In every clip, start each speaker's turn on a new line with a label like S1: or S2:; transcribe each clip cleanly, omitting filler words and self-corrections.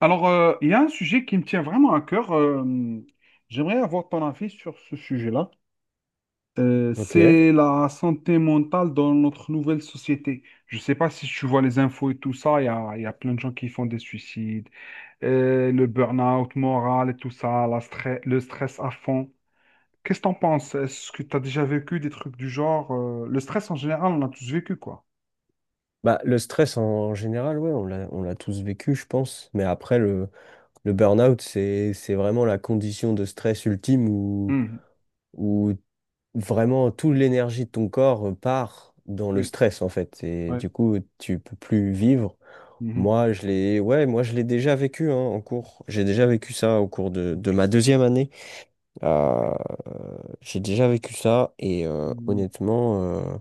S1: Il y a un sujet qui me tient vraiment à cœur. J'aimerais avoir ton avis sur ce sujet-là.
S2: Ok.
S1: C'est la santé mentale dans notre nouvelle société. Je ne sais pas si tu vois les infos et tout ça. Il y a plein de gens qui font des suicides, le burn-out moral et tout ça, le stress à fond. Qu'est-ce que t'en penses? Est-ce que tu as déjà vécu des trucs du genre? Le stress en général, on l'a tous vécu, quoi.
S2: Bah, le stress en général, ouais, on l'a tous vécu, je pense. Mais après, le burn-out, c'est vraiment la condition de stress ultime où,
S1: Mhm.
S2: où vraiment toute l'énergie de ton corps part dans le
S1: Oui,
S2: stress, en fait. Et
S1: ouais.
S2: du coup, tu peux plus vivre.
S1: Mhm.
S2: Moi, je l'ai, ouais, moi, je l'ai déjà vécu, hein, en cours. J'ai déjà vécu ça au cours de ma
S1: Ok.
S2: deuxième année. Euh, j'ai déjà vécu ça et
S1: Mhm.
S2: honnêtement,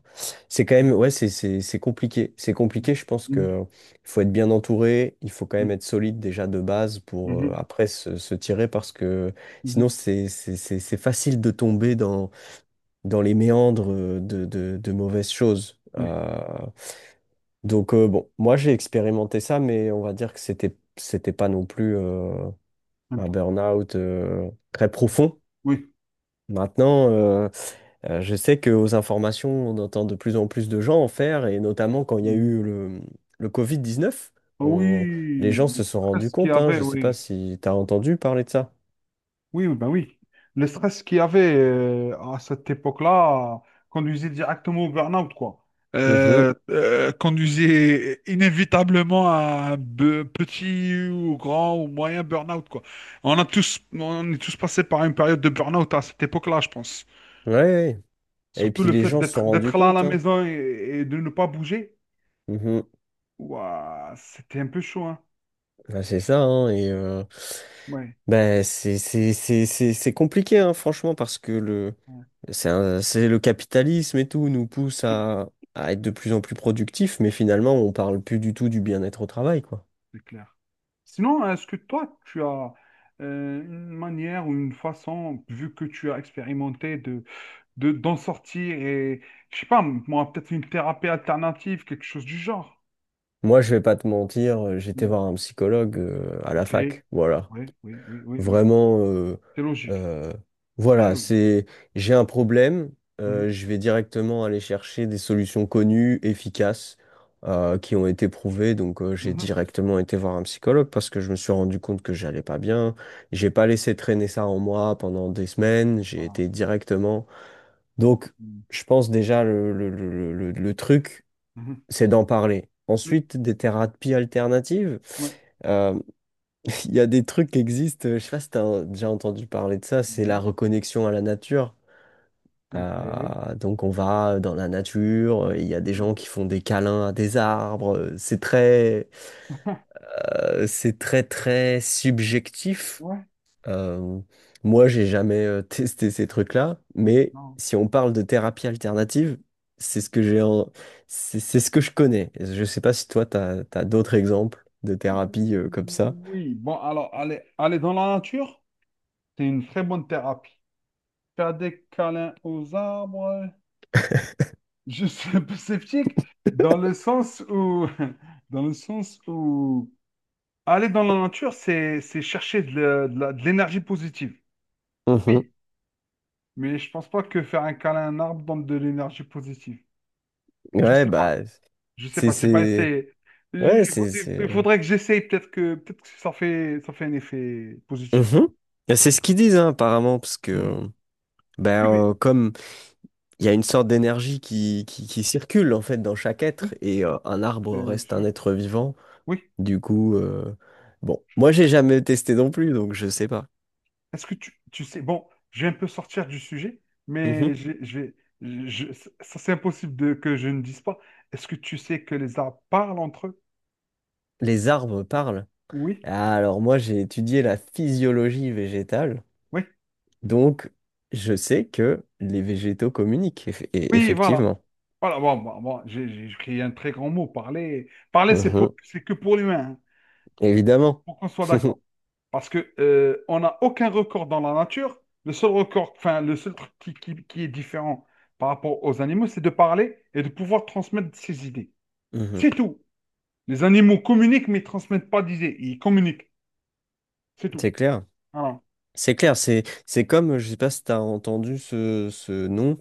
S2: c'est quand même, ouais, c'est compliqué. C'est compliqué, je pense
S1: Mhm.
S2: que il faut être bien entouré, il faut quand même
S1: Mhm.
S2: être solide déjà de base pour
S1: Mhm.
S2: après se tirer parce que
S1: Mhm.
S2: sinon c'est facile de tomber dans les méandres de mauvaises choses.
S1: Oui,
S2: Donc bon, moi j'ai expérimenté ça, mais on va dire que c'était pas non plus
S1: même
S2: un
S1: temps.
S2: burn-out très profond.
S1: Oui.
S2: Maintenant, je sais qu'aux informations, on entend de plus en plus de gens en faire, et notamment quand il y a
S1: Mm.
S2: eu le Covid-19,
S1: Ah
S2: on- les
S1: oui,
S2: gens
S1: le
S2: se sont rendus
S1: stress qu'il y
S2: compte, hein, je
S1: avait,
S2: ne sais pas
S1: oui.
S2: si tu as entendu parler de ça.
S1: Oui, oui, ben oui. Le stress qu'il y avait à cette époque-là conduisait directement au burn-out, quoi.
S2: Mhm.
S1: Conduisait inévitablement à un petit ou grand ou moyen burn-out, quoi. On est tous passés par une période de burn-out à cette époque-là, je pense.
S2: Ouais, ouais. Et
S1: Surtout
S2: puis
S1: le
S2: les
S1: fait
S2: gens se sont rendus
S1: d'être là à la
S2: compte, hein.
S1: maison et de ne pas bouger,
S2: Mhm.
S1: ouah, c'était un peu chaud, hein.
S2: Ouais, c'est ça, hein, et
S1: Ouais.
S2: ben, c'est compliqué, hein, franchement, parce que
S1: Ouais.
S2: c'est le capitalisme et tout nous pousse
S1: Mm.
S2: à être de plus en plus productifs, mais finalement, on parle plus du tout du bien-être au travail, quoi.
S1: C'est clair. Sinon, est-ce que toi, tu as une manière ou une façon, vu que tu as expérimenté, d'en sortir et, je sais pas, moi, peut-être une thérapie alternative, quelque chose du genre.
S2: Moi, je vais pas te mentir, j'étais
S1: Hmm.
S2: voir un psychologue à la
S1: Ok.
S2: fac. Voilà.
S1: Oui, oui, oui, oui, oui.
S2: Vraiment,
S1: C'est logique.
S2: euh,
S1: Très
S2: voilà,
S1: logique.
S2: j'ai un problème,
S1: Mhm.
S2: je vais directement aller chercher des solutions connues, efficaces, qui ont été prouvées. Donc, j'ai
S1: Mhm.
S2: directement été voir un psychologue parce que je me suis rendu compte que j'allais pas bien. J'ai pas laissé traîner ça en moi pendant des
S1: Ouais.
S2: semaines. J'ai
S1: Voilà.
S2: été directement. Donc,
S1: Hmm.
S2: je pense déjà le truc
S1: Mhm.
S2: c'est d'en parler.
S1: Oui,
S2: Ensuite, des thérapies alternatives.
S1: oui.
S2: Euh, il y a des trucs qui existent, je sais pas si tu as déjà entendu parler de ça, c'est la
S1: Non.
S2: reconnexion à la nature.
S1: Ok.
S2: Donc on va dans la nature, il y a des
S1: Ouais.
S2: gens qui font des câlins à des arbres, c'est très très subjectif. Euh, moi, j'ai jamais testé ces trucs-là,
S1: Hmm.
S2: mais
S1: Non.
S2: si on parle de thérapie alternative, c'est ce que j'ai en... c'est ce que je connais. Je sais pas si toi, t'as d'autres exemples de thérapies comme ça.
S1: Oui, bon, alors, aller dans la nature, c'est une très bonne thérapie. Cadet câlin aux arbres. Je suis sceptique dans le sens où, dans le sens où aller dans la nature, c'est chercher de l'énergie positive. Oui.
S2: Mhm.
S1: Mais je pense pas que faire un câlin à un arbre donne de l'énergie positive. Je
S2: Ouais,
S1: sais pas.
S2: bah,
S1: Je sais
S2: c'est,
S1: pas. J'ai pas
S2: c'est,
S1: essayé. Il faut- il
S2: c'est,
S1: faudrait que j'essaye. Peut-être que ça fait un effet positif.
S2: Mhm.
S1: Quoi.
S2: Et c'est ce qu'ils disent, hein, apparemment, parce
S1: Hmm.
S2: que, ben,
S1: Oui, mais
S2: comme il y a une sorte d'énergie qui circule, en fait, dans chaque être,
S1: oui,
S2: et un arbre
S1: c'est
S2: reste un
S1: sûr.
S2: être vivant.
S1: Oui.
S2: Du coup, bon, moi j'ai jamais testé non plus, donc je sais pas.
S1: Tu sais, bon, je vais un peu sortir du sujet, mais
S2: Mhm.
S1: je vais, je- ça c'est impossible de, que je ne dise pas. Est-ce que tu sais que les arbres parlent entre eux?
S2: Les arbres parlent.
S1: Oui,
S2: Ah, alors moi j'ai étudié la physiologie végétale,
S1: oui,
S2: donc je sais que les végétaux communiquent,
S1: oui, voilà.
S2: effectivement.
S1: Voilà, bon, bon, bon, j'ai écrit un très grand mot, parler. Parler,
S2: Mhm.
S1: c'est que pour l'humain, hein,
S2: Évidemment.
S1: pour qu'on soit d'accord. Parce que on n'a aucun record dans la nature. Le seul record, enfin, le seul truc qui est différent par rapport aux animaux, c'est de parler et de pouvoir transmettre ses idées.
S2: Mhm.
S1: C'est tout. Les animaux communiquent, mais ne transmettent pas d'idées. Ils communiquent. C'est tout.
S2: C'est clair.
S1: Voilà.
S2: C'est clair, c'est comme, je sais pas si tu as entendu ce nom,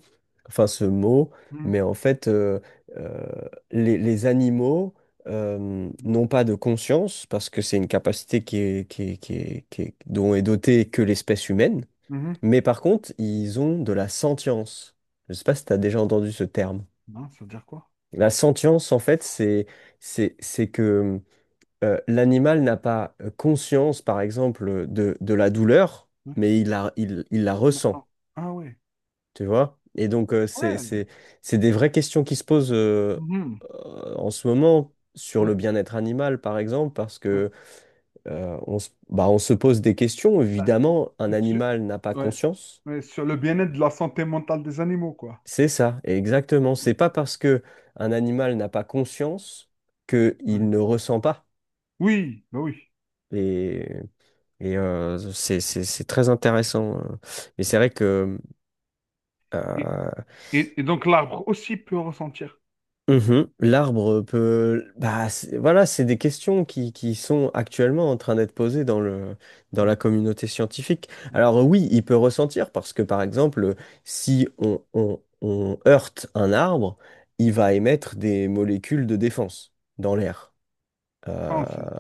S2: enfin ce mot,
S1: Mhm.
S2: mais en fait, euh, les animaux n'ont pas de conscience, parce que c'est une capacité dont est dotée que l'espèce humaine,
S1: Mhm.
S2: mais par contre, ils ont de la sentience. Je sais pas si tu as déjà entendu ce terme.
S1: Non, ça veut dire quoi?
S2: La sentience, en fait, c'est que l'animal n'a pas conscience, par exemple, de la douleur,
S1: Ouais.
S2: mais il la ressent,
S1: Maintenant. Ah ouais.
S2: tu vois? Et donc,
S1: Ouais.
S2: c'est des vraies questions qui se posent
S1: Mhm.
S2: en ce moment sur
S1: Ouais.
S2: le bien-être animal, par exemple, parce
S1: Ouais.
S2: que on se, bah, on se pose des questions.
S1: Bah,
S2: Évidemment, un
S1: sur...
S2: animal n'a pas
S1: ouais.
S2: conscience.
S1: Ouais, sur le bien-être de la santé mentale des animaux, quoi.
S2: C'est ça, exactement. C'est pas parce que un animal n'a pas conscience qu'il
S1: Ouais.
S2: ne ressent pas.
S1: Oui, bah oui.
S2: Et Et c'est très intéressant. Mais c'est vrai que
S1: Et,
S2: euh,
S1: et donc l'arbre aussi peut ressentir.
S2: mhm, l'arbre peut... Bah, voilà, c'est des questions qui sont actuellement en train d'être posées dans dans
S1: Ouais.
S2: la communauté scientifique. Alors oui, il peut ressentir parce que, par exemple, si on heurte un arbre, il va émettre des molécules de défense dans l'air.
S1: Ah,
S2: Euh,
S1: on sait.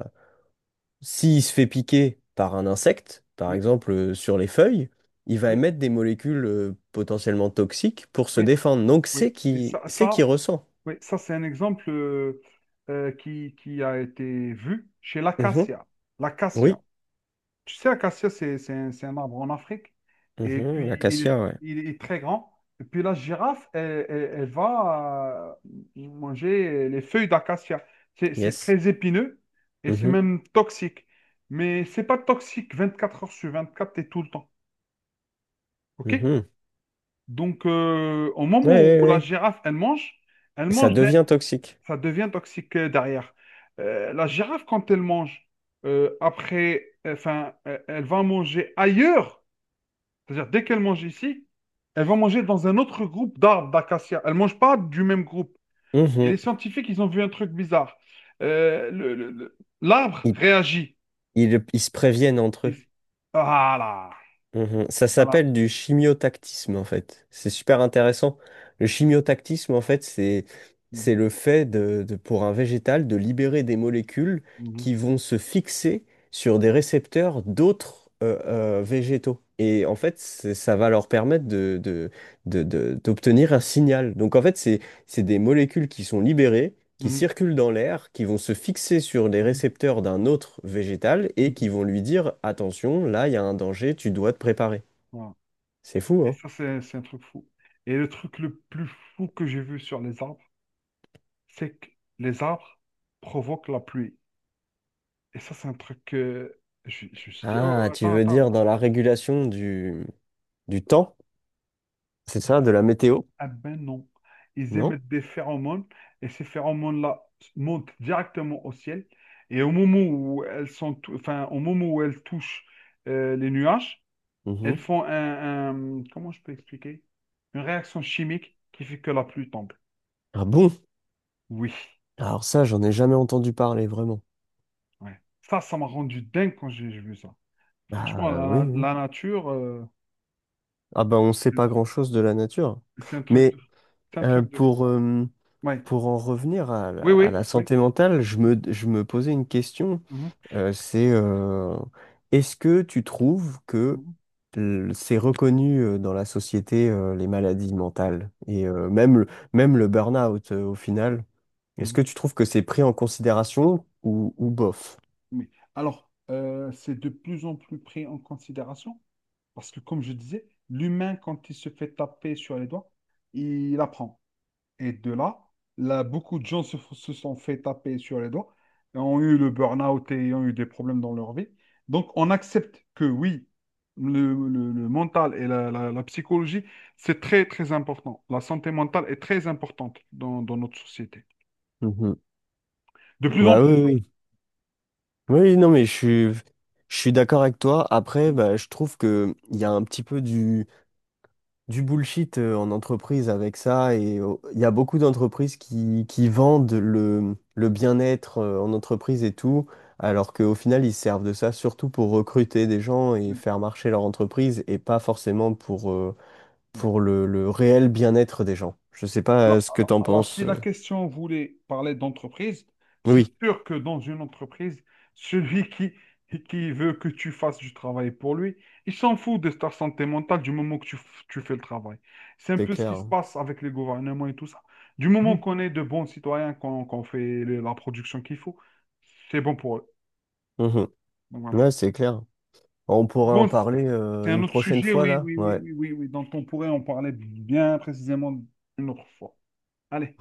S2: S'il se fait piquer par un insecte, par
S1: Oui,
S2: exemple sur les feuilles, il va
S1: oui,
S2: émettre des molécules potentiellement toxiques pour se
S1: oui,
S2: défendre. Donc
S1: oui. Et ça,
S2: c'est
S1: ça,
S2: qui ressent.
S1: oui, ça c'est un exemple qui a été vu chez
S2: Mhm.
S1: l'acacia. L'acacia.
S2: Oui.
S1: Tu sais, acacia, c'est un arbre en Afrique. Et
S2: Mhm.
S1: puis,
S2: L'acacia, ouais.
S1: il est très grand. Et puis, la girafe, elle, elle- elle va manger les feuilles d'acacia. C'est
S2: Yes.
S1: très épineux et c'est
S2: Mhm.
S1: même toxique. Mais c'est pas toxique 24 heures sur 24 et tout le temps. OK?
S2: Mhm.
S1: Donc, au
S2: Ouais,
S1: moment
S2: ouais,
S1: où la
S2: ouais.
S1: girafe, elle mange, elle
S2: Ça
S1: mange, d'un-
S2: devient toxique.
S1: ça devient toxique derrière. La girafe, quand elle mange, elle va manger ailleurs, c'est-à-dire, dès qu'elles mangent ici, elles vont manger dans un autre groupe d'arbres d'acacia. Elles ne mangent pas du même groupe. Et les
S2: Mhm.
S1: scientifiques, ils ont vu un truc bizarre. L'arbre
S2: Ils,
S1: réagit.
S2: ils se préviennent entre eux.
S1: Ils- Voilà.
S2: Mhm. Ça
S1: Voilà.
S2: s'appelle du chimiotactisme en fait. C'est super intéressant. Le chimiotactisme en fait,
S1: Mhm,
S2: c'est le fait pour un végétal de libérer des molécules
S1: mhm,
S2: qui vont se fixer sur des récepteurs d'autres végétaux. Et en fait, ça va leur permettre d'obtenir un signal. Donc en fait, c'est des molécules qui sont libérées qui
S1: mhm,
S2: circulent dans l'air, qui vont se fixer sur les
S1: mhm,
S2: récepteurs d'un autre végétal et qui
S1: mhm.
S2: vont lui dire, attention, là, il y a un danger, tu dois te préparer.
S1: Voilà.
S2: C'est fou,
S1: Et
S2: hein?
S1: ça, c'est un truc fou. Et le truc le plus fou que j'ai vu sur les arbres, c'est que les arbres provoquent la pluie. Et ça, c'est un truc que je me suis dit, oh,
S2: Ah, tu
S1: attends,
S2: veux
S1: attends,
S2: dire
S1: attends.
S2: dans la régulation du temps, c'est ça, de la météo,
S1: Ah ben non. Ils
S2: non?
S1: émettent des phéromones et ces phéromones-là montent directement au ciel. Et au moment où elles sont, tou- enfin, au moment où elles touchent les nuages, elles
S2: Mhm.
S1: font comment je peux expliquer? Une réaction chimique qui fait que la pluie tombe.
S2: Ah bon?
S1: Oui,
S2: Alors ça, j'en ai jamais entendu parler, vraiment.
S1: ouais. Ça m'a rendu dingue quand j'ai vu ça. Franchement,
S2: Bah oui, oui.
S1: la nature,
S2: Ah bah on sait pas grand-chose de la nature. Mais
S1: c'est un
S2: euh,
S1: truc c'est un truc de fou.
S2: pour, euh,
S1: Ouais.
S2: pour en revenir à
S1: Ouais. Oui,
S2: à
S1: oui,
S2: la
S1: oui.
S2: santé mentale, je me posais une question.
S1: Mhm,
S2: C'est est-ce que tu trouves que
S1: mhm,
S2: c'est reconnu dans la société les maladies mentales et même même le burn-out au final? Est-ce que
S1: mhm.
S2: tu trouves que c'est pris en considération ou bof?
S1: Mais alors, c'est de plus en plus pris en considération parce que, comme je disais, l'humain, quand il se fait taper sur les doigts, il apprend. Et de là, là, beaucoup de gens se sont fait taper sur les doigts, et ont eu le burn-out et ont eu des problèmes dans leur vie. Donc, on accepte que oui, le mental et la psychologie, c'est très, très important. La santé mentale est très importante dans, dans notre société.
S2: Mhm.
S1: De plus en
S2: Bah
S1: plus.
S2: oui, oui. Oui, oui, non, mais je suis d'accord avec toi. Après,
S1: Oui.
S2: bah, je trouve que il y a un petit peu du bullshit en entreprise avec ça et il y a beaucoup d'entreprises qui vendent le bien-être en entreprise et tout, alors qu'au final ils se servent de ça surtout pour recruter des gens et
S1: Oui.
S2: faire marcher leur entreprise et pas forcément pour le réel bien-être des gens. Je sais pas ce que t'en
S1: Alors,
S2: penses.
S1: si la question voulait parler d'entreprise, c'est
S2: Oui,
S1: sûr que dans une entreprise, celui qui, qui veut que tu fasses du travail pour lui, il s'en fout de ta santé mentale du moment que tu fais le travail. C'est un
S2: c'est
S1: peu ce qui se
S2: clair.
S1: passe avec les gouvernements et tout ça. Du moment
S2: Mhm.
S1: qu'on est de bons citoyens, qu'on fait la production qu'il faut, c'est bon pour eux.
S2: Mhm.
S1: Donc voilà.
S2: Ouais, c'est clair. On pourrait en
S1: Bon, c-
S2: parler
S1: c'est un
S2: une
S1: autre
S2: prochaine
S1: sujet,
S2: fois
S1: oui,
S2: là.
S1: oui, oui,
S2: Ouais.
S1: oui, oui, oui, dont on pourrait en parler bien précisément une autre fois. Allez.